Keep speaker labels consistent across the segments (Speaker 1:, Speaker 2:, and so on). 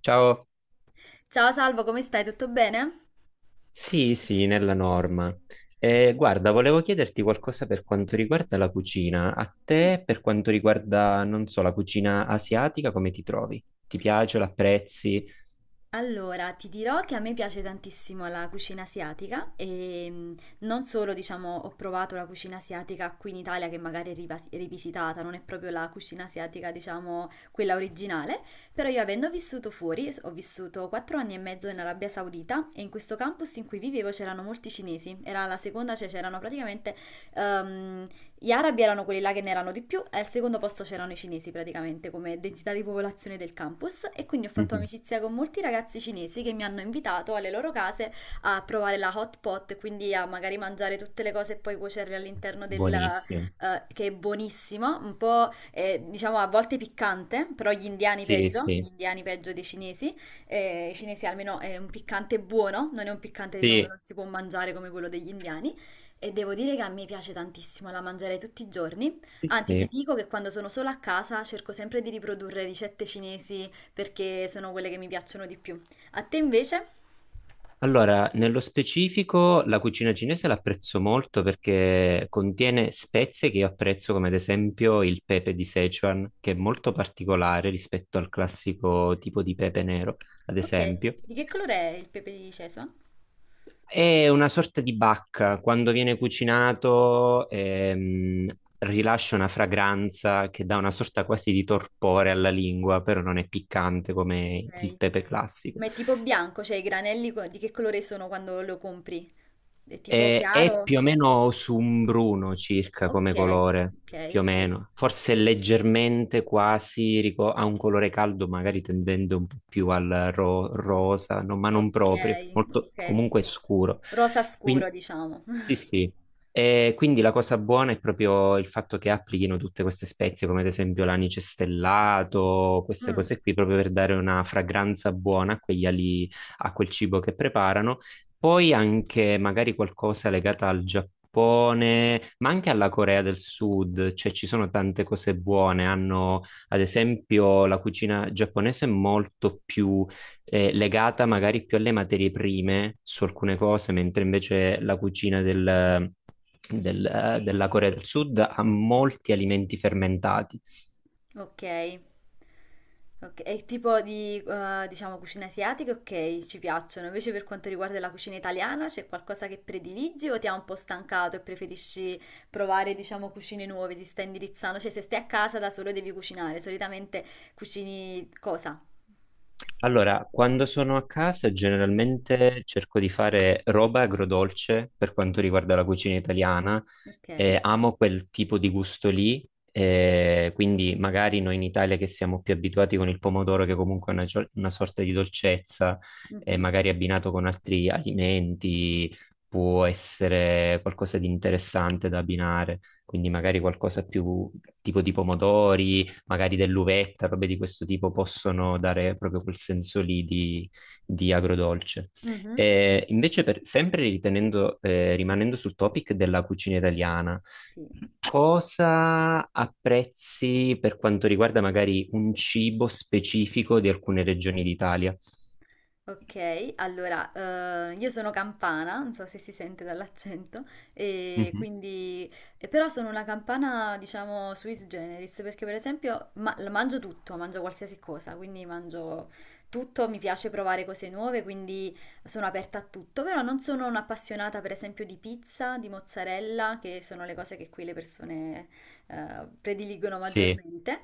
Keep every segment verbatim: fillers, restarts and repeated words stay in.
Speaker 1: Ciao.
Speaker 2: Ciao Salvo, come stai? Tutto bene?
Speaker 1: Sì, sì, nella norma. Eh, guarda, volevo chiederti qualcosa per quanto riguarda la cucina. A
Speaker 2: Sì,
Speaker 1: te, per quanto riguarda, non so, la cucina asiatica, come ti trovi? Ti piace, l'apprezzi?
Speaker 2: allora, ti dirò che a me piace tantissimo la cucina asiatica e mh, non solo, diciamo, ho provato la cucina asiatica qui in Italia che magari è rivas- rivisitata, non è proprio la cucina asiatica, diciamo, quella originale, però io avendo vissuto fuori, s- ho vissuto quattro anni e mezzo in Arabia Saudita e in questo campus in cui vivevo c'erano molti cinesi, era la seconda, cioè c'erano praticamente ehm, gli arabi erano quelli là che ne erano di più e al secondo posto c'erano i cinesi praticamente come densità di popolazione del campus e quindi ho fatto
Speaker 1: Mhm.
Speaker 2: amicizia con molti ragazzi cinesi che mi hanno invitato alle loro case a provare la hot pot, quindi a magari mangiare tutte le cose e poi cuocerle all'interno del...
Speaker 1: Buonissimo.
Speaker 2: eh, che è buonissimo, un po' eh, diciamo a volte piccante, però gli indiani
Speaker 1: Sì,
Speaker 2: peggio, gli
Speaker 1: sì.
Speaker 2: indiani peggio dei cinesi, eh, i cinesi almeno è un piccante buono, non è un piccante diciamo che
Speaker 1: Sì,
Speaker 2: non si può mangiare come quello degli indiani. E devo dire che a me piace tantissimo, la mangerei tutti i giorni.
Speaker 1: sì,
Speaker 2: Anzi, ti
Speaker 1: sì.
Speaker 2: dico che quando sono sola a casa cerco sempre di riprodurre ricette cinesi perché sono quelle che mi piacciono di più. A te invece?
Speaker 1: Allora, nello specifico la cucina cinese l'apprezzo molto perché contiene spezie che io apprezzo, come ad esempio il pepe di Sichuan, che è molto particolare rispetto al classico tipo di pepe nero, ad
Speaker 2: Ok,
Speaker 1: esempio.
Speaker 2: di che colore è il pepe di Cesua?
Speaker 1: È una sorta di bacca, quando viene cucinato ehm, rilascia una fragranza che dà una sorta quasi di torpore alla lingua, però non è piccante come il
Speaker 2: Ok.
Speaker 1: pepe classico.
Speaker 2: Ma è tipo bianco, cioè i granelli co- di che colore sono quando lo compri? È tipo
Speaker 1: Eh, è
Speaker 2: chiaro?
Speaker 1: più o meno su un bruno circa come
Speaker 2: Ok,
Speaker 1: colore, più
Speaker 2: ok,
Speaker 1: o
Speaker 2: ok.
Speaker 1: meno. Forse leggermente quasi rico- ha un colore caldo, magari tendendo un po' più al ro- rosa, no, ma non
Speaker 2: Ok,
Speaker 1: proprio, molto
Speaker 2: ok.
Speaker 1: comunque scuro.
Speaker 2: Rosa
Speaker 1: Quindi
Speaker 2: scuro, diciamo.
Speaker 1: sì, sì. E quindi la cosa buona è proprio il fatto che applichino tutte queste spezie, come ad esempio l'anice stellato, queste
Speaker 2: Mm.
Speaker 1: cose qui, proprio per dare una fragranza buona a quegli ali, a quel cibo che preparano. Poi anche magari qualcosa legata al Giappone, ma anche alla Corea del Sud, cioè ci sono tante cose buone. Hanno, ad esempio, la cucina giapponese è molto più eh, legata magari più alle materie prime su alcune cose, mentre invece la cucina del- del- eh, della Corea del Sud ha molti alimenti fermentati.
Speaker 2: Ok. Ok, e il tipo di, eh, diciamo, cucina asiatica, ok, ci piacciono. Invece per quanto riguarda la cucina italiana, c'è qualcosa che prediligi o ti ha un po' stancato e preferisci provare, diciamo, cucine nuove, ti stai indirizzando? Cioè, se stai a casa da solo devi cucinare, solitamente cucini cosa?
Speaker 1: Allora, quando sono a casa generalmente cerco di fare roba agrodolce per quanto riguarda la cucina italiana.
Speaker 2: Ok.
Speaker 1: Eh, amo quel tipo di gusto lì, eh, quindi magari noi in Italia che siamo più abituati con il pomodoro, che comunque è una, gio- una sorta di dolcezza, eh,
Speaker 2: Mhm.
Speaker 1: magari abbinato con altri alimenti, può essere qualcosa di interessante da abbinare, quindi magari qualcosa più tipo di pomodori, magari dell'uvetta, robe di questo tipo, possono dare proprio quel senso lì di, di agrodolce.
Speaker 2: Mhm.
Speaker 1: Eh, invece, per- sempre ritenendo, eh, rimanendo sul topic della cucina italiana,
Speaker 2: Sì.
Speaker 1: cosa apprezzi per quanto riguarda magari un cibo specifico di alcune regioni d'Italia?
Speaker 2: Ok, allora, eh, io sono campana, non so se si sente dall'accento, e
Speaker 1: Mhm.
Speaker 2: quindi, e però sono una campana, diciamo, sui generis, perché per esempio ma- mangio tutto, mangio qualsiasi cosa, quindi mangio tutto, mi piace provare cose nuove, quindi sono aperta a tutto, però non sono un'appassionata per esempio di pizza, di mozzarella, che sono le cose che qui le persone eh, prediligono
Speaker 1: Sì.
Speaker 2: maggiormente.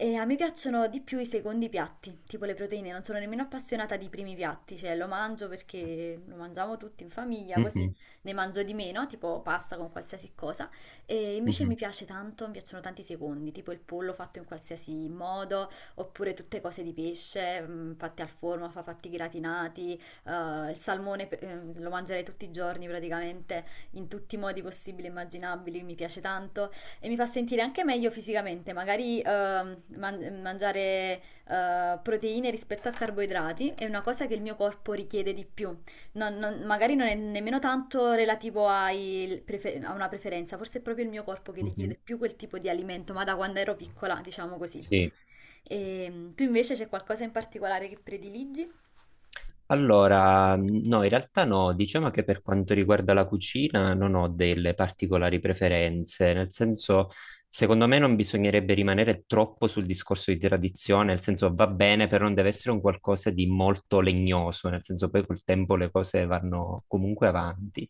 Speaker 2: E a me piacciono di più i secondi piatti, tipo le proteine, non sono nemmeno appassionata di primi piatti, cioè lo mangio perché lo mangiamo tutti in famiglia, così
Speaker 1: Mhm.
Speaker 2: ne mangio di meno, tipo pasta con qualsiasi cosa. E invece mi
Speaker 1: Mhm.
Speaker 2: piace tanto, mi piacciono tanti secondi, tipo il pollo fatto in qualsiasi modo, oppure tutte cose di pesce, mm, fatte al forno, fa- fatti gratinati, eh, il salmone pe- eh, lo mangerei tutti i giorni praticamente, in tutti i modi possibili e immaginabili, mi piace tanto. E mi fa sentire anche meglio fisicamente, magari ehm, man- mangiare eh, proteine rispetto a carboidrati è una cosa che il mio corpo richiede di più. Non- non- magari non è nemmeno tanto relativo ai prefe- a una preferenza, forse è proprio il mio corpo che
Speaker 1: Mhm.
Speaker 2: richiede più quel tipo di alimento, ma da quando ero piccola, diciamo così.
Speaker 1: Sì.
Speaker 2: E, tu invece c'è qualcosa in particolare che prediligi?
Speaker 1: Allora, no, in realtà no, diciamo che per quanto riguarda la cucina non ho delle particolari preferenze, nel senso, secondo me non bisognerebbe rimanere troppo sul discorso di tradizione, nel senso va bene, però non deve essere un qualcosa di molto legnoso, nel senso poi col tempo le cose vanno comunque avanti.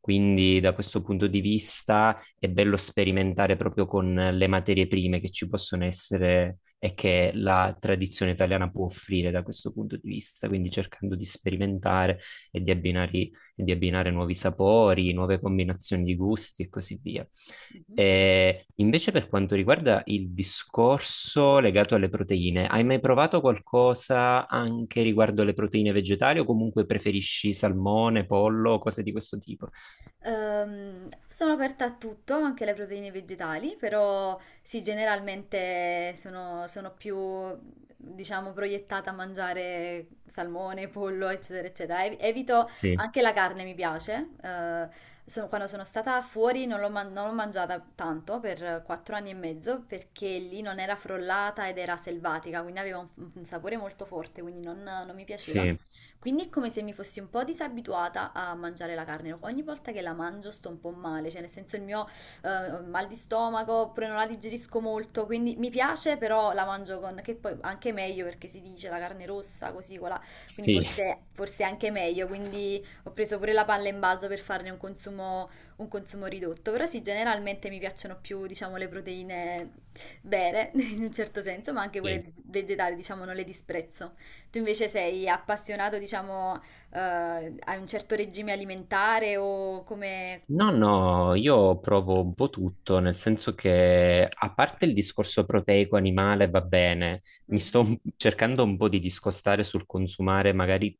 Speaker 1: Quindi da questo punto di vista è bello sperimentare proprio con le materie prime che ci possono essere e che la tradizione italiana può offrire da questo punto di vista, quindi cercando di sperimentare e di abbinare, e di abbinare nuovi sapori, nuove combinazioni di gusti e così via.
Speaker 2: Mhm.
Speaker 1: E invece per quanto riguarda il discorso legato alle proteine, hai mai provato qualcosa anche riguardo alle proteine vegetali o comunque preferisci salmone, pollo, cose di questo tipo?
Speaker 2: Ehm, sono aperta a tutto, anche alle proteine vegetali, però sì, generalmente sono, sono più, diciamo, proiettata a mangiare salmone, pollo, eccetera, eccetera. Ev- Evito
Speaker 1: Sì,
Speaker 2: anche la carne, mi piace. Eh, sono- quando sono stata fuori non l'ho man- non l'ho mangiata tanto per quattro anni e mezzo perché lì non era frollata ed era selvatica, quindi aveva un, un sapore molto forte, quindi non non mi piaceva.
Speaker 1: sì,
Speaker 2: Quindi è come se mi fossi un po' disabituata a mangiare la carne. Ogni volta che la mangio sto un po' male, cioè nel senso il mio eh, mal di stomaco, oppure non la digerisco molto, quindi mi piace, però la mangio con, che poi anche meglio perché si dice la carne rossa, così, quella, quindi
Speaker 1: sì,
Speaker 2: forse, forse è anche meglio. Quindi ho preso pure la palla in balzo per farne un consumo, un consumo ridotto. Però sì, generalmente mi piacciono più, diciamo, le proteine vere, in un certo senso, ma anche
Speaker 1: sì.
Speaker 2: quelle vegetali, diciamo, non le disprezzo. Tu invece sei appassionato, diciamo, eh, a un certo regime alimentare o come...
Speaker 1: No, no, io provo un po' tutto, nel senso che a parte il discorso proteico animale va bene, mi sto
Speaker 2: Mhm,
Speaker 1: un- cercando un po' di discostare sul consumare magari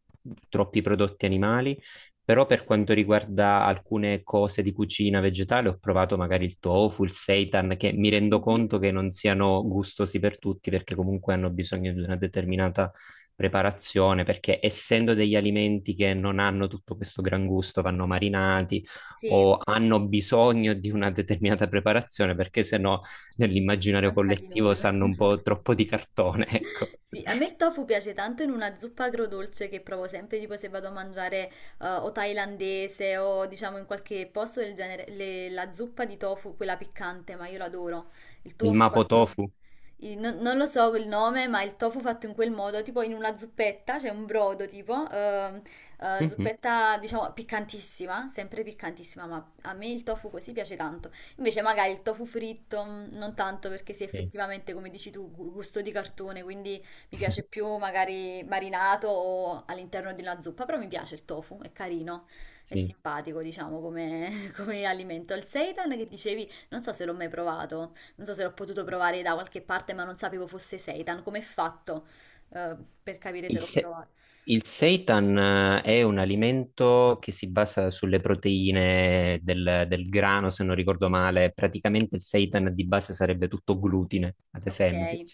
Speaker 1: troppi prodotti animali, però per quanto riguarda alcune cose di cucina vegetale ho provato magari il tofu, il seitan, che mi rendo
Speaker 2: mhm.
Speaker 1: conto che non siano gustosi per tutti perché comunque hanno bisogno di una determinata preparazione, perché essendo degli alimenti che non hanno tutto questo gran gusto, vanno marinati
Speaker 2: Sì,
Speaker 1: o hanno bisogno di una determinata preparazione, perché se no nell'immaginario
Speaker 2: non sa di
Speaker 1: collettivo
Speaker 2: nulla.
Speaker 1: sanno un po' troppo di cartone, ecco.
Speaker 2: Sì, a me il tofu piace tanto in una zuppa agrodolce che provo sempre, tipo se vado a mangiare eh, o thailandese o diciamo in qualche posto del genere, le- la zuppa di tofu, quella piccante, ma io l'adoro. Il
Speaker 1: Il
Speaker 2: tofu
Speaker 1: Mapo
Speaker 2: fatto,
Speaker 1: Tofu.
Speaker 2: il- non, non lo so il nome, ma il tofu fatto in quel modo, tipo in una zuppetta, c'è un brodo tipo, ehm, eh,
Speaker 1: Mhm.
Speaker 2: zuppetta diciamo piccantissima, sempre piccantissima, ma a me il tofu così piace tanto. Invece magari il tofu fritto mh, non tanto perché sì,
Speaker 1: Sì,
Speaker 2: effettivamente, come dici tu, gu- gusto di cartone, quindi mi piace più magari marinato o all'interno di una zuppa, però mi piace il tofu, è carino, è
Speaker 1: sì.
Speaker 2: simpatico, diciamo, come, come alimento. Il seitan che dicevi, non so se l'ho mai provato, non so se l'ho potuto provare da qualche parte, ma non sapevo fosse seitan, come è fatto, eh, per capire se
Speaker 1: Il,
Speaker 2: l'ho
Speaker 1: se-
Speaker 2: provato.
Speaker 1: il seitan eh, è un alimento che si basa sulle proteine del, del grano, se non ricordo male. Praticamente il seitan di base sarebbe tutto glutine, ad esempio.
Speaker 2: Ok.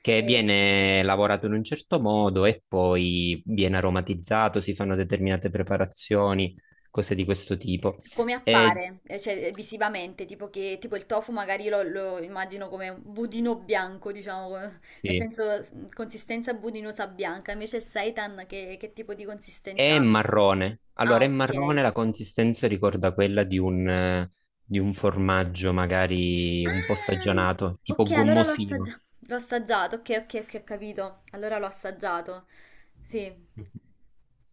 Speaker 1: Che
Speaker 2: E...
Speaker 1: viene lavorato in un certo modo e poi viene aromatizzato, si fanno determinate preparazioni, cose di questo tipo.
Speaker 2: come
Speaker 1: E,
Speaker 2: appare, eh, cioè eh, visivamente, tipo che tipo il tofu magari lo, lo immagino come un budino bianco, diciamo, come- nel
Speaker 1: sì,
Speaker 2: senso s- consistenza budinosa bianca, invece il seitan che, che tipo di consistenza
Speaker 1: è
Speaker 2: ha?
Speaker 1: marrone.
Speaker 2: Ah,
Speaker 1: Allora, è marrone,
Speaker 2: ok.
Speaker 1: la consistenza ricorda quella di un, eh, di un formaggio magari un po'
Speaker 2: Ah,
Speaker 1: stagionato,
Speaker 2: ok,
Speaker 1: tipo
Speaker 2: allora l'ho
Speaker 1: gommosino.
Speaker 2: assaggiato. L'ho assaggiato, ok, ok, ok, ho capito. Allora l'ho assaggiato. Sì.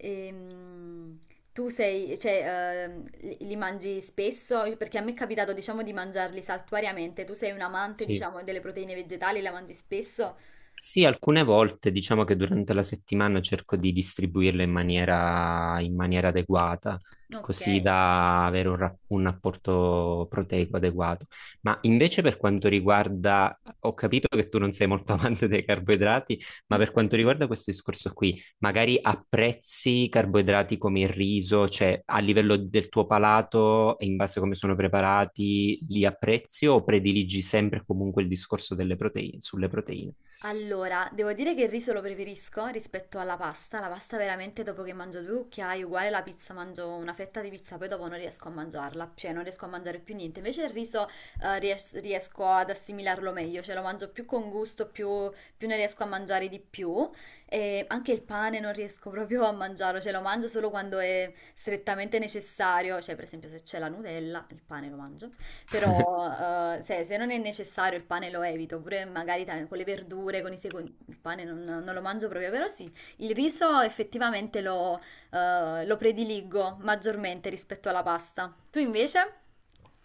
Speaker 2: Ehm, Tu sei, cioè, ehm, li, li mangi spesso? Perché a me è capitato, diciamo, di mangiarli saltuariamente. Tu sei un amante,
Speaker 1: Sì.
Speaker 2: diciamo, delle proteine vegetali, la mangi spesso?
Speaker 1: Sì, alcune volte diciamo che durante la settimana cerco di distribuirle in maniera, in maniera adeguata,
Speaker 2: Ok.
Speaker 1: così da avere un, ra- un apporto proteico adeguato. Ma invece per quanto riguarda, ho capito che tu non sei molto amante dei carboidrati, ma per quanto riguarda questo discorso qui, magari apprezzi carboidrati come il riso, cioè a livello del tuo palato e in base a come sono preparati, li apprezzi o prediligi sempre comunque il discorso delle proteine, sulle proteine?
Speaker 2: Allora, devo dire che il riso lo preferisco rispetto alla pasta. La pasta veramente dopo che mangio due cucchiai, uguale la pizza, mangio una fetta di pizza, poi dopo non riesco a mangiarla, cioè non riesco a mangiare più niente. Invece il riso eh, ries- riesco ad assimilarlo meglio, cioè lo mangio più con gusto, più, più, ne riesco a mangiare di più. E anche il pane non riesco proprio a mangiarlo, cioè lo mangio solo quando è strettamente necessario, cioè per esempio se c'è la Nutella, il pane lo mangio. Però eh, se, se non è necessario il pane lo evito, pure magari ta- con le verdure, con i secondi, il pane non, non lo mangio proprio, però sì, il riso effettivamente lo, eh, lo prediligo maggiormente rispetto alla pasta. Tu invece?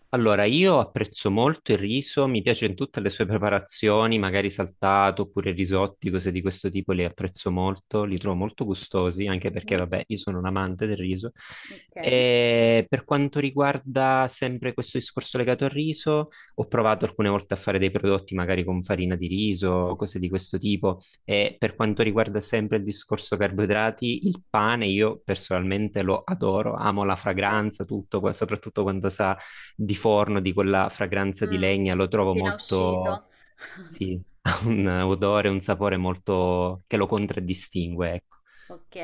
Speaker 1: Allora, io apprezzo molto il riso, mi piace in tutte le sue preparazioni, magari saltato oppure risotti, cose di questo tipo, le apprezzo molto, li trovo molto gustosi, anche perché,
Speaker 2: Mhm.
Speaker 1: vabbè, io sono un amante del riso.
Speaker 2: Ok.
Speaker 1: E per quanto riguarda sempre questo discorso legato al riso, ho provato alcune volte a fare dei prodotti magari con farina di riso, cose di questo tipo. E per quanto riguarda sempre il discorso carboidrati, il pane io personalmente lo adoro, amo la
Speaker 2: Ok.
Speaker 1: fragranza, tutto, qua- soprattutto quando sa di forno, di quella fragranza di
Speaker 2: Mm,
Speaker 1: legna, lo trovo
Speaker 2: Appena
Speaker 1: molto,
Speaker 2: uscito.
Speaker 1: sì, ha un odore, un sapore molto che lo contraddistingue, ecco.
Speaker 2: Ok.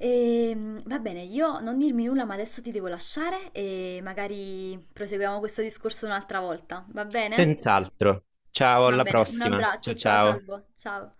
Speaker 2: Ehm, va bene, io non dirmi nulla, ma adesso ti devo lasciare e magari proseguiamo questo discorso un'altra volta, va bene?
Speaker 1: Senz'altro. Ciao,
Speaker 2: Va
Speaker 1: alla
Speaker 2: bene, un
Speaker 1: prossima. Ciao
Speaker 2: abbraccio, ciao
Speaker 1: ciao.
Speaker 2: Salvo, ciao.